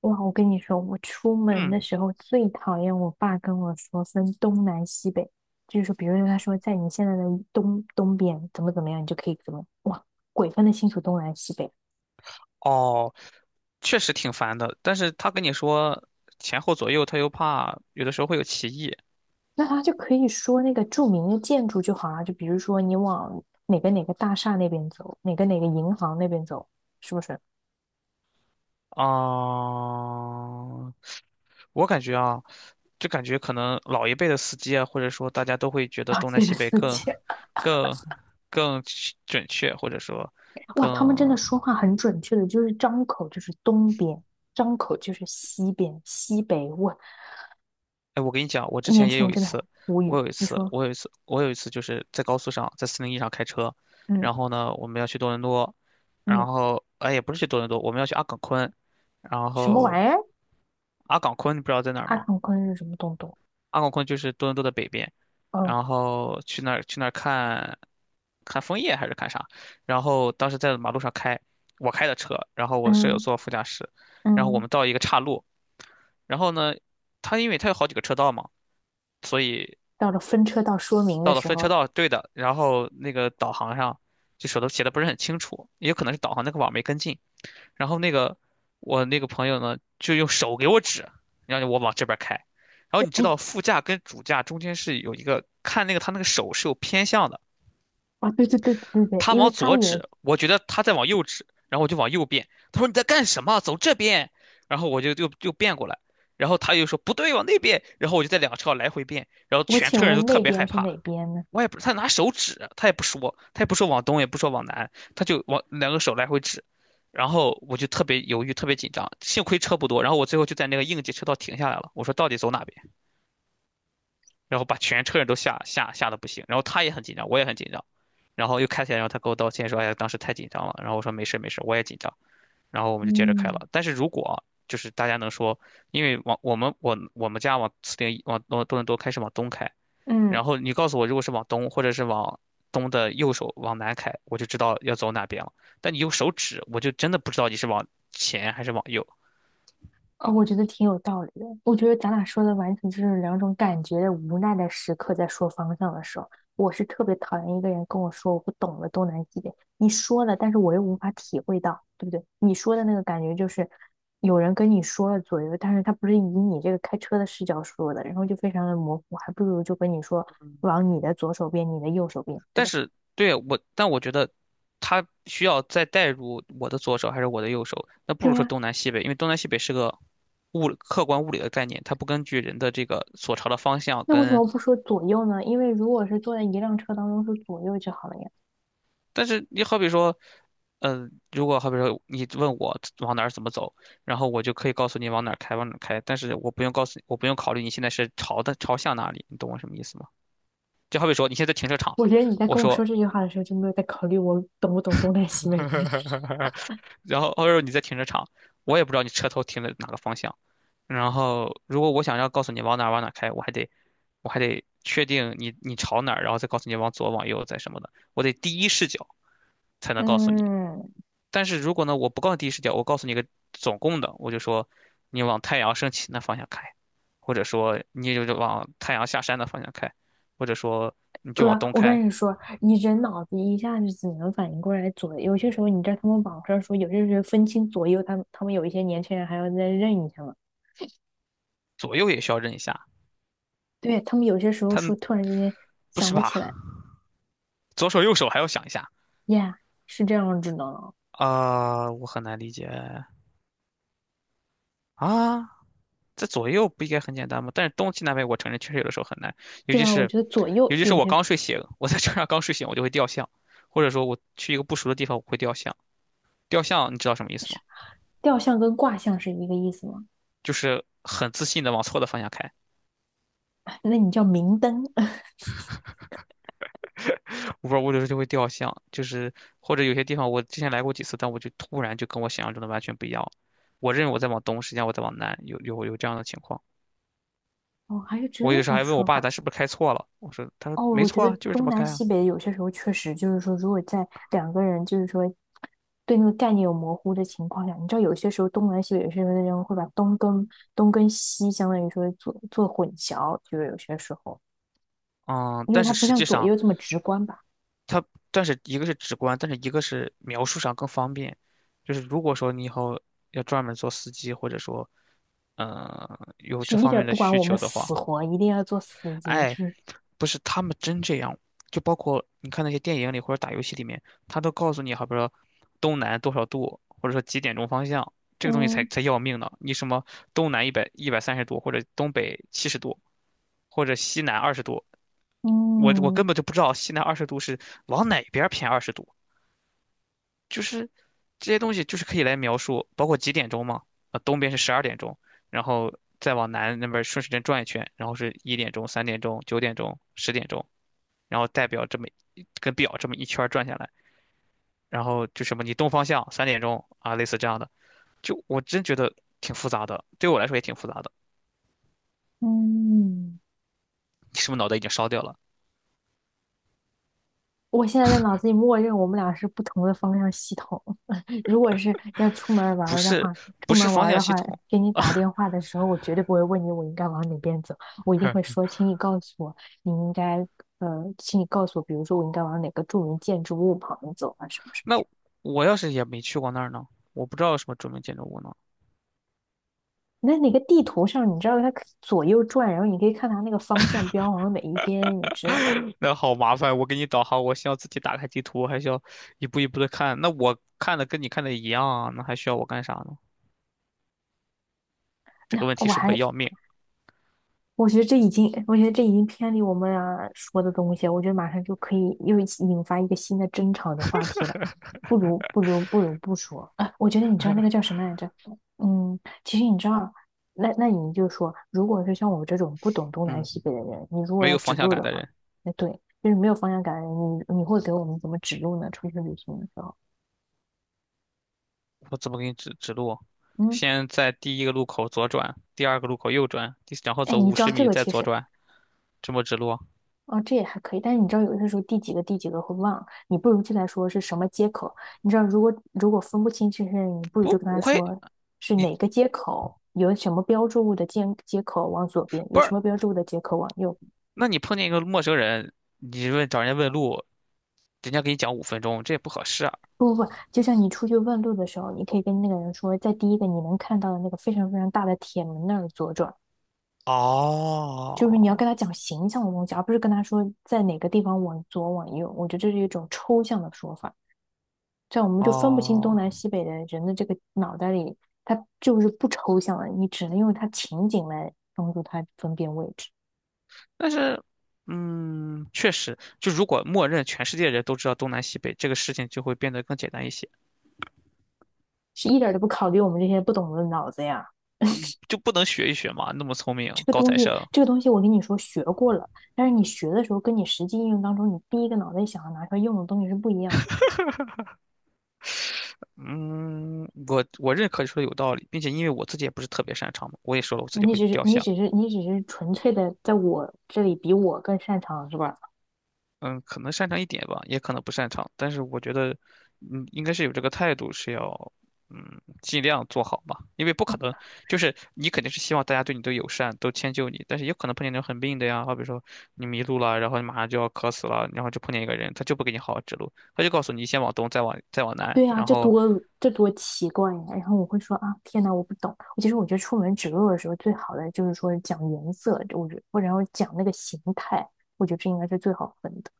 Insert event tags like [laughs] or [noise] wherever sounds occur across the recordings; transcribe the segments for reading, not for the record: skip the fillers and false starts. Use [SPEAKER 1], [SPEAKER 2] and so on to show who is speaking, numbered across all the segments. [SPEAKER 1] 哇，我跟你说，我出门的
[SPEAKER 2] 嗯，
[SPEAKER 1] 时候最讨厌我爸跟我说分东南西北，就是说，比如说他说在你现在的东边怎么怎么样，你就可以怎么，哇，鬼分得清楚东南西北，
[SPEAKER 2] 哦，确实挺烦的，但是他跟你说前后左右，他又怕有的时候会有歧义
[SPEAKER 1] 那他就可以说那个著名的建筑就好啊，就比如说你往哪个大厦那边走，哪个银行那边走，是不是？
[SPEAKER 2] 啊。我感觉啊，就感觉可能老一辈的司机啊，或者说大家都会觉
[SPEAKER 1] [laughs]
[SPEAKER 2] 得
[SPEAKER 1] 啊，
[SPEAKER 2] 东南
[SPEAKER 1] 变得
[SPEAKER 2] 西北
[SPEAKER 1] 四界，
[SPEAKER 2] 更、更准确，或者说
[SPEAKER 1] 哇，
[SPEAKER 2] 更。
[SPEAKER 1] 他们真的说话很准确的，就是张口就是东边，张口就是西边，西北，哇，
[SPEAKER 2] 哎，我跟你讲，我之
[SPEAKER 1] 年
[SPEAKER 2] 前也
[SPEAKER 1] 轻
[SPEAKER 2] 有
[SPEAKER 1] 人
[SPEAKER 2] 一
[SPEAKER 1] 真的很
[SPEAKER 2] 次，
[SPEAKER 1] 无
[SPEAKER 2] 我
[SPEAKER 1] 语，
[SPEAKER 2] 有一
[SPEAKER 1] 你
[SPEAKER 2] 次，
[SPEAKER 1] 说。
[SPEAKER 2] 我有一次，我有一次就是在高速上，在四零一上开车，
[SPEAKER 1] 嗯
[SPEAKER 2] 然后呢，我们要去多伦多，然
[SPEAKER 1] 嗯，
[SPEAKER 2] 后哎，也不是去多伦多，我们要去阿岗昆，然
[SPEAKER 1] 什么
[SPEAKER 2] 后
[SPEAKER 1] 玩意儿？
[SPEAKER 2] 阿岗昆你不知道在哪儿
[SPEAKER 1] 二
[SPEAKER 2] 吗？
[SPEAKER 1] 抗昆是什么东东？
[SPEAKER 2] 阿岗昆就是多伦多的北边，
[SPEAKER 1] 哦，
[SPEAKER 2] 然后去那儿看，看枫叶还是看啥？然后当时在马路上开，我开的车，然后我的舍友
[SPEAKER 1] 嗯
[SPEAKER 2] 坐副驾驶，然后我
[SPEAKER 1] 嗯，
[SPEAKER 2] 们到一个岔路，然后呢，因为他有好几个车道嘛。所以
[SPEAKER 1] 到了分车道说明的
[SPEAKER 2] 到了
[SPEAKER 1] 时
[SPEAKER 2] 分
[SPEAKER 1] 候
[SPEAKER 2] 车
[SPEAKER 1] 了。
[SPEAKER 2] 道，对的，然后那个导航上就手头写的不是很清楚，也有可能是导航那个网没跟进。然后我那个朋友呢，就用手给我指，让我往这边开。然后你知道副驾跟主驾中间是有一个看那个他那个手是有偏向的，
[SPEAKER 1] 啊，对对对对对，
[SPEAKER 2] 他
[SPEAKER 1] 因为
[SPEAKER 2] 往
[SPEAKER 1] 他
[SPEAKER 2] 左
[SPEAKER 1] 以为，
[SPEAKER 2] 指，我觉得他在往右指，然后我就往右变。他说你在干什么？走这边。然后我就又变过来，然后他又说不对，往那边。然后我就在两车道来回变，然后
[SPEAKER 1] 我
[SPEAKER 2] 全
[SPEAKER 1] 请
[SPEAKER 2] 车人都
[SPEAKER 1] 问
[SPEAKER 2] 特
[SPEAKER 1] 那
[SPEAKER 2] 别
[SPEAKER 1] 边
[SPEAKER 2] 害
[SPEAKER 1] 是
[SPEAKER 2] 怕。
[SPEAKER 1] 哪边呢？
[SPEAKER 2] 我也不，他拿手指，他也不说，他也不说往东，也不说往南，他就往两个手来回指，然后我就特别犹豫，特别紧张，幸亏车不多，然后我最后就在那个应急车道停下来了，我说到底走哪边，然后把全车人都吓得不行，然后他也很紧张，我也很紧张，然后又开起来，然后他给我道歉说，哎呀，当时太紧张了，然后我说没事没事，我也紧张，然后我们就接着开
[SPEAKER 1] 嗯。
[SPEAKER 2] 了，但是如果就是大家能说，因为往我们家往四零一往多伦多开是往东开，
[SPEAKER 1] 嗯。
[SPEAKER 2] 然后你告诉我，如果是往东，或者是往东的右手往南开，我就知道要走哪边了。但你用手指，我就真的不知道你是往前还是往右。
[SPEAKER 1] 啊、我觉得挺有道理的。我觉得咱俩说的完全就是两种感觉的无奈的时刻，在说方向的时候，我是特别讨厌一个人跟我说我不懂的东南西北。你说了，但是我又无法体会到，对不对？你说的那个感觉就是有人跟你说了左右，但是他不是以你这个开车的视角说的，然后就非常的模糊，还不如就跟你说往你的左手边，你的右手边，对
[SPEAKER 2] 但
[SPEAKER 1] 吧？
[SPEAKER 2] 是对我，但我觉得它需要再带入我的左手还是我的右手，那不
[SPEAKER 1] 对
[SPEAKER 2] 如说
[SPEAKER 1] 呀、
[SPEAKER 2] 东南西北，因为东南西北是个客观物理的概念，它不根据人的这个所朝的方向
[SPEAKER 1] 那为什
[SPEAKER 2] 跟
[SPEAKER 1] 么不说左右呢？因为如果是坐在一辆车当中，说左右就好了呀。
[SPEAKER 2] 但是你好比说，如果好比说你问我往哪儿怎么走，然后我就可以告诉你往哪儿开，往哪儿开，但是我不用告诉你，我不用考虑你现在是朝向哪里，你懂我什么意思吗？就好比说你现在在停车场，
[SPEAKER 1] 我觉得你在
[SPEAKER 2] 我
[SPEAKER 1] 跟我说
[SPEAKER 2] 说，
[SPEAKER 1] 这句话的时候，就没有在考虑我懂不懂东南西北面。
[SPEAKER 2] [laughs] 然后或者说你在停车场，我也不知道你车头停在哪个方向，然后如果我想要告诉你往哪儿往哪儿开，我还得确定你朝哪儿，然后再告诉你往左往右再什么的，我得第一视角才能告诉你。
[SPEAKER 1] 嗯，
[SPEAKER 2] 但是如果呢，我不告诉你第一视角，我告诉你一个总共的，我就说你往太阳升起那方向开，或者说你就往太阳下山的方向开，或者说你就往
[SPEAKER 1] 哥，
[SPEAKER 2] 东
[SPEAKER 1] 我
[SPEAKER 2] 开，
[SPEAKER 1] 跟你说，你人脑子一下子只能反应过来左，有些时候你知道他们网上说，有些时候分清左右，他们有一些年轻人还要再认一下嘛。
[SPEAKER 2] 左右也需要认一下。
[SPEAKER 1] 对，他们有些时候说
[SPEAKER 2] 它
[SPEAKER 1] 突然之间
[SPEAKER 2] 不
[SPEAKER 1] 想
[SPEAKER 2] 是
[SPEAKER 1] 不
[SPEAKER 2] 吧？
[SPEAKER 1] 起来。
[SPEAKER 2] 左手右手还要想一下
[SPEAKER 1] y， 是这样子的，
[SPEAKER 2] 啊、我很难理解啊。这左右不应该很简单吗？但是东西南北，我承认确实有的时候很难，尤
[SPEAKER 1] 对
[SPEAKER 2] 其
[SPEAKER 1] 吧？我
[SPEAKER 2] 是
[SPEAKER 1] 觉得左
[SPEAKER 2] 尤
[SPEAKER 1] 右
[SPEAKER 2] 其是
[SPEAKER 1] 有
[SPEAKER 2] 我
[SPEAKER 1] 些
[SPEAKER 2] 刚睡醒，我在车上刚睡醒，我就会掉项，或者说我去一个不熟的地方，我会掉项。掉项你知道什么意思
[SPEAKER 1] 是，
[SPEAKER 2] 吗？
[SPEAKER 1] 吊象跟卦象是一个意思嘛，
[SPEAKER 2] 就是很自信的往错的方向开，
[SPEAKER 1] 哎那你叫明灯。 [laughs]
[SPEAKER 2] 我有时候就会掉向，就是或者有些地方我之前来过几次，但我就突然就跟我想象中的完全不一样。我认为我在往东，实际上我在往南，有这样的情况。
[SPEAKER 1] 哦，还有这
[SPEAKER 2] 我有的时候
[SPEAKER 1] 种
[SPEAKER 2] 还问我
[SPEAKER 1] 说
[SPEAKER 2] 爸，咱
[SPEAKER 1] 法。
[SPEAKER 2] 是不是开错了？我说，他说
[SPEAKER 1] 哦，
[SPEAKER 2] 没
[SPEAKER 1] 我觉
[SPEAKER 2] 错
[SPEAKER 1] 得
[SPEAKER 2] 啊，就是这
[SPEAKER 1] 东
[SPEAKER 2] 么
[SPEAKER 1] 南
[SPEAKER 2] 开啊。
[SPEAKER 1] 西北有些时候确实就是说，如果在两个人就是说对那个概念有模糊的情况下，你知道有些时候东南西北有些时候人会把东跟西相当于说做混淆，就是有些时候，
[SPEAKER 2] 嗯，
[SPEAKER 1] 因为
[SPEAKER 2] 但
[SPEAKER 1] 它
[SPEAKER 2] 是
[SPEAKER 1] 不
[SPEAKER 2] 实
[SPEAKER 1] 像
[SPEAKER 2] 际
[SPEAKER 1] 左
[SPEAKER 2] 上
[SPEAKER 1] 右这么直观吧，
[SPEAKER 2] 它，但是一个是直观，但是一个是描述上更方便。就是如果说你以后要专门做司机，或者说，有
[SPEAKER 1] 就是
[SPEAKER 2] 这
[SPEAKER 1] 一
[SPEAKER 2] 方
[SPEAKER 1] 点儿
[SPEAKER 2] 面的
[SPEAKER 1] 不管
[SPEAKER 2] 需
[SPEAKER 1] 我们
[SPEAKER 2] 求的话，
[SPEAKER 1] 死活，一定要做司机，就
[SPEAKER 2] 哎，
[SPEAKER 1] 是
[SPEAKER 2] 不是他们真这样，就包括你看那些电影里或者打游戏里面，他都告诉你，好比说东南多少度，或者说几点钟方向，这个东西才
[SPEAKER 1] 嗯
[SPEAKER 2] 才要命呢。你什么东南一百三十度，或者东北70度，或者西南二十度，我
[SPEAKER 1] 嗯
[SPEAKER 2] 根本就不知道西南二十度是往哪边偏二十度，就是这些东西就是可以来描述，包括几点钟嘛，东边是12点钟，然后再往南那边顺时针转一圈，然后是1点钟、三点钟、9点钟、10点钟。然后代表这么一跟表这么一圈儿转下来，然后就什么你东方向三点钟啊，类似这样的，就我真觉得挺复杂的，对我来说也挺复杂的。
[SPEAKER 1] 嗯。
[SPEAKER 2] 你是不是脑袋已经烧掉了？
[SPEAKER 1] 我现在在脑子里默认我们俩是不同的方向系统。[laughs] 如果是要出门玩
[SPEAKER 2] 不
[SPEAKER 1] 儿的
[SPEAKER 2] 是，
[SPEAKER 1] 话，出
[SPEAKER 2] 不是
[SPEAKER 1] 门玩
[SPEAKER 2] 方
[SPEAKER 1] 儿
[SPEAKER 2] 向
[SPEAKER 1] 的
[SPEAKER 2] 系
[SPEAKER 1] 话，
[SPEAKER 2] 统。
[SPEAKER 1] 给你打电话的时候，我绝对不会问你我应该往哪边走，我一定会说，
[SPEAKER 2] [laughs]
[SPEAKER 1] 请你告诉我，你应该请你告诉我，比如说我应该往哪个著名建筑物旁走啊，什么什么什
[SPEAKER 2] 那
[SPEAKER 1] 么。
[SPEAKER 2] 我要是也没去过那儿呢？我不知道有什么著名建筑物呢。
[SPEAKER 1] 那哪个地图上，你知道它可以左右转，然后你可以看它那个方向标往哪一边，你知道吧？
[SPEAKER 2] [laughs] 那好麻烦，我给你导航，我需要自己打开地图，还需要一步一步的看。那我看的跟你看的一样啊，那还需要我干啥呢？
[SPEAKER 1] [laughs]
[SPEAKER 2] 这
[SPEAKER 1] 那
[SPEAKER 2] 个问题
[SPEAKER 1] 我
[SPEAKER 2] 是不是
[SPEAKER 1] 还，
[SPEAKER 2] 很要命？
[SPEAKER 1] 我觉得这已经，我觉得这已经偏离我们俩说的东西了。我觉得马上就可以又引发一个新的争吵的话题了。[sucks teeth] 不如不说。啊，我觉得你知道那个叫什么来着？嗯，其实你知道，那你就说，如果是像我这种不懂东南
[SPEAKER 2] 嗯，
[SPEAKER 1] 西北的人，你如果
[SPEAKER 2] 没
[SPEAKER 1] 要
[SPEAKER 2] 有
[SPEAKER 1] 指
[SPEAKER 2] 方向
[SPEAKER 1] 路
[SPEAKER 2] 感
[SPEAKER 1] 的
[SPEAKER 2] 的
[SPEAKER 1] 话，
[SPEAKER 2] 人。
[SPEAKER 1] 那对，就是没有方向感的人，你会给我们怎么指路呢？出去旅行的时候，
[SPEAKER 2] 我怎么给你指指路？
[SPEAKER 1] 嗯，
[SPEAKER 2] 先在第一个路口左转，第二个路口右转，然后
[SPEAKER 1] 哎，
[SPEAKER 2] 走
[SPEAKER 1] 你
[SPEAKER 2] 五
[SPEAKER 1] 知道
[SPEAKER 2] 十
[SPEAKER 1] 这
[SPEAKER 2] 米
[SPEAKER 1] 个
[SPEAKER 2] 再
[SPEAKER 1] 其
[SPEAKER 2] 左
[SPEAKER 1] 实。
[SPEAKER 2] 转，这么指路？
[SPEAKER 1] 哦，这也还可以，但是你知道，有些时候第几个会忘，你不如就来说是什么接口。你知道，如果分不清这些人，你不如就
[SPEAKER 2] 不，
[SPEAKER 1] 跟他
[SPEAKER 2] 我会
[SPEAKER 1] 说是
[SPEAKER 2] 你
[SPEAKER 1] 哪个接口，有什么标志物的接口往左边，有
[SPEAKER 2] 不是？
[SPEAKER 1] 什么标志物的接口往右。
[SPEAKER 2] 那你碰见一个陌生人，你问找人家问路，人家给你讲5分钟，这也不合适啊。
[SPEAKER 1] 不，就像你出去问路的时候，你可以跟那个人说，在第一个你能看到的那个非常非常大的铁门那儿左转，就是你要
[SPEAKER 2] 哦
[SPEAKER 1] 跟他讲形象的东西，而不是跟他说在哪个地方往左往右。我觉得这是一种抽象的说法。这样我们就分不清东
[SPEAKER 2] 哦，
[SPEAKER 1] 南西北的人的这个脑袋里，它就是不抽象的，你只能用它情景来帮助它分辨位置，
[SPEAKER 2] 但是，确实，就如果默认全世界人都知道东南西北，这个事情就会变得更简单一些，
[SPEAKER 1] 是一点都不考虑我们这些不懂的脑子呀。
[SPEAKER 2] 就不能学一学嘛？那么聪明，
[SPEAKER 1] 这个
[SPEAKER 2] 高
[SPEAKER 1] 东
[SPEAKER 2] 材
[SPEAKER 1] 西，
[SPEAKER 2] 生。
[SPEAKER 1] 这个东西我跟你说学过了，但是你学的时候跟你实际应用当中，你第一个脑袋想要拿出来用的东西是不一样
[SPEAKER 2] 嗯，我认可你说的有道理，并且因为我自己也不是特别擅长嘛，我也说了我自
[SPEAKER 1] 的。
[SPEAKER 2] 己
[SPEAKER 1] 你
[SPEAKER 2] 会
[SPEAKER 1] 只是
[SPEAKER 2] 掉
[SPEAKER 1] 你
[SPEAKER 2] 像，
[SPEAKER 1] 只是你只是纯粹的在我这里比我更擅长是吧？
[SPEAKER 2] 嗯，可能擅长一点吧，也可能不擅长，但是我觉得，应该是有这个态度，是要，尽量做好吧，因为不可能，就是你肯定是希望大家对你都友善，都迁就你，但是也可能碰见那种很病的呀，好比说你迷路了，然后你马上就要渴死了，然后就碰见一个人，他就不给你好好指路，他就告诉你先往东，再往南，
[SPEAKER 1] 对啊，
[SPEAKER 2] 然后，
[SPEAKER 1] 这多奇怪呀！然后我会说啊，天呐，我不懂。其实我觉得出门指路的时候，最好的就是说讲颜色，我觉或者然后讲那个形态，我觉得这应该是最好分的。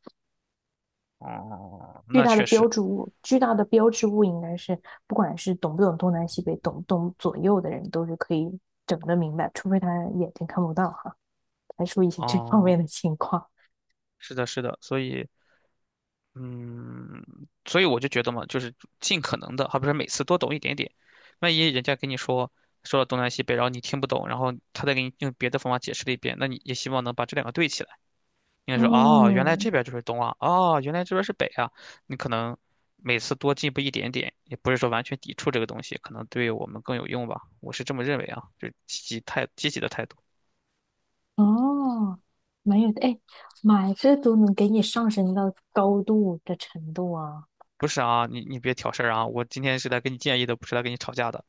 [SPEAKER 2] 哦，那确实，
[SPEAKER 1] 巨大的标志物应该是不管是懂不懂东南西北，懂不懂左右的人都是可以整得明白，除非他眼睛看不到哈，排除一些 [laughs] 这方面
[SPEAKER 2] 哦。
[SPEAKER 1] 的情况。
[SPEAKER 2] 是的，是的，所以，嗯，所以我就觉得嘛，就是尽可能的，而不是每次多懂一点点。万一人家跟你说了东南西北，然后你听不懂，然后他再给你用别的方法解释了一遍，那你也希望能把这两个对起来。应该说，哦，原来
[SPEAKER 1] 嗯，
[SPEAKER 2] 这边就是东啊，哦，原来这边是北啊。你可能每次多进步一点点，也不是说完全抵触这个东西，可能对我们更有用吧。我是这么认为啊，就是积极的态度。
[SPEAKER 1] 哦，没有的，哎，妈这都能给你上升到高度的程度啊！
[SPEAKER 2] 不是啊，你别挑事儿啊，我今天是来给你建议的，不是来跟你吵架的。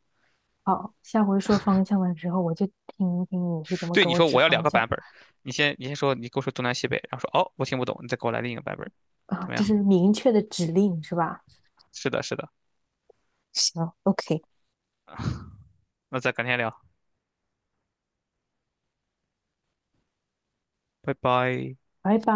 [SPEAKER 1] 好，下回说方向的时候，我就听一听你是怎么
[SPEAKER 2] 对，
[SPEAKER 1] 给
[SPEAKER 2] 你
[SPEAKER 1] 我
[SPEAKER 2] 说
[SPEAKER 1] 指
[SPEAKER 2] 我要两
[SPEAKER 1] 方
[SPEAKER 2] 个
[SPEAKER 1] 向
[SPEAKER 2] 版本儿，你先说，你跟我说东南西北，然后说哦，我听不懂，你再给我来另一个版本儿，
[SPEAKER 1] 啊，
[SPEAKER 2] 怎
[SPEAKER 1] [laughs]
[SPEAKER 2] 么
[SPEAKER 1] 就是
[SPEAKER 2] 样？
[SPEAKER 1] 明确的指令是吧？
[SPEAKER 2] 是的，是的，
[SPEAKER 1] 行，OK，
[SPEAKER 2] 那再改天聊，拜拜。
[SPEAKER 1] 拜拜。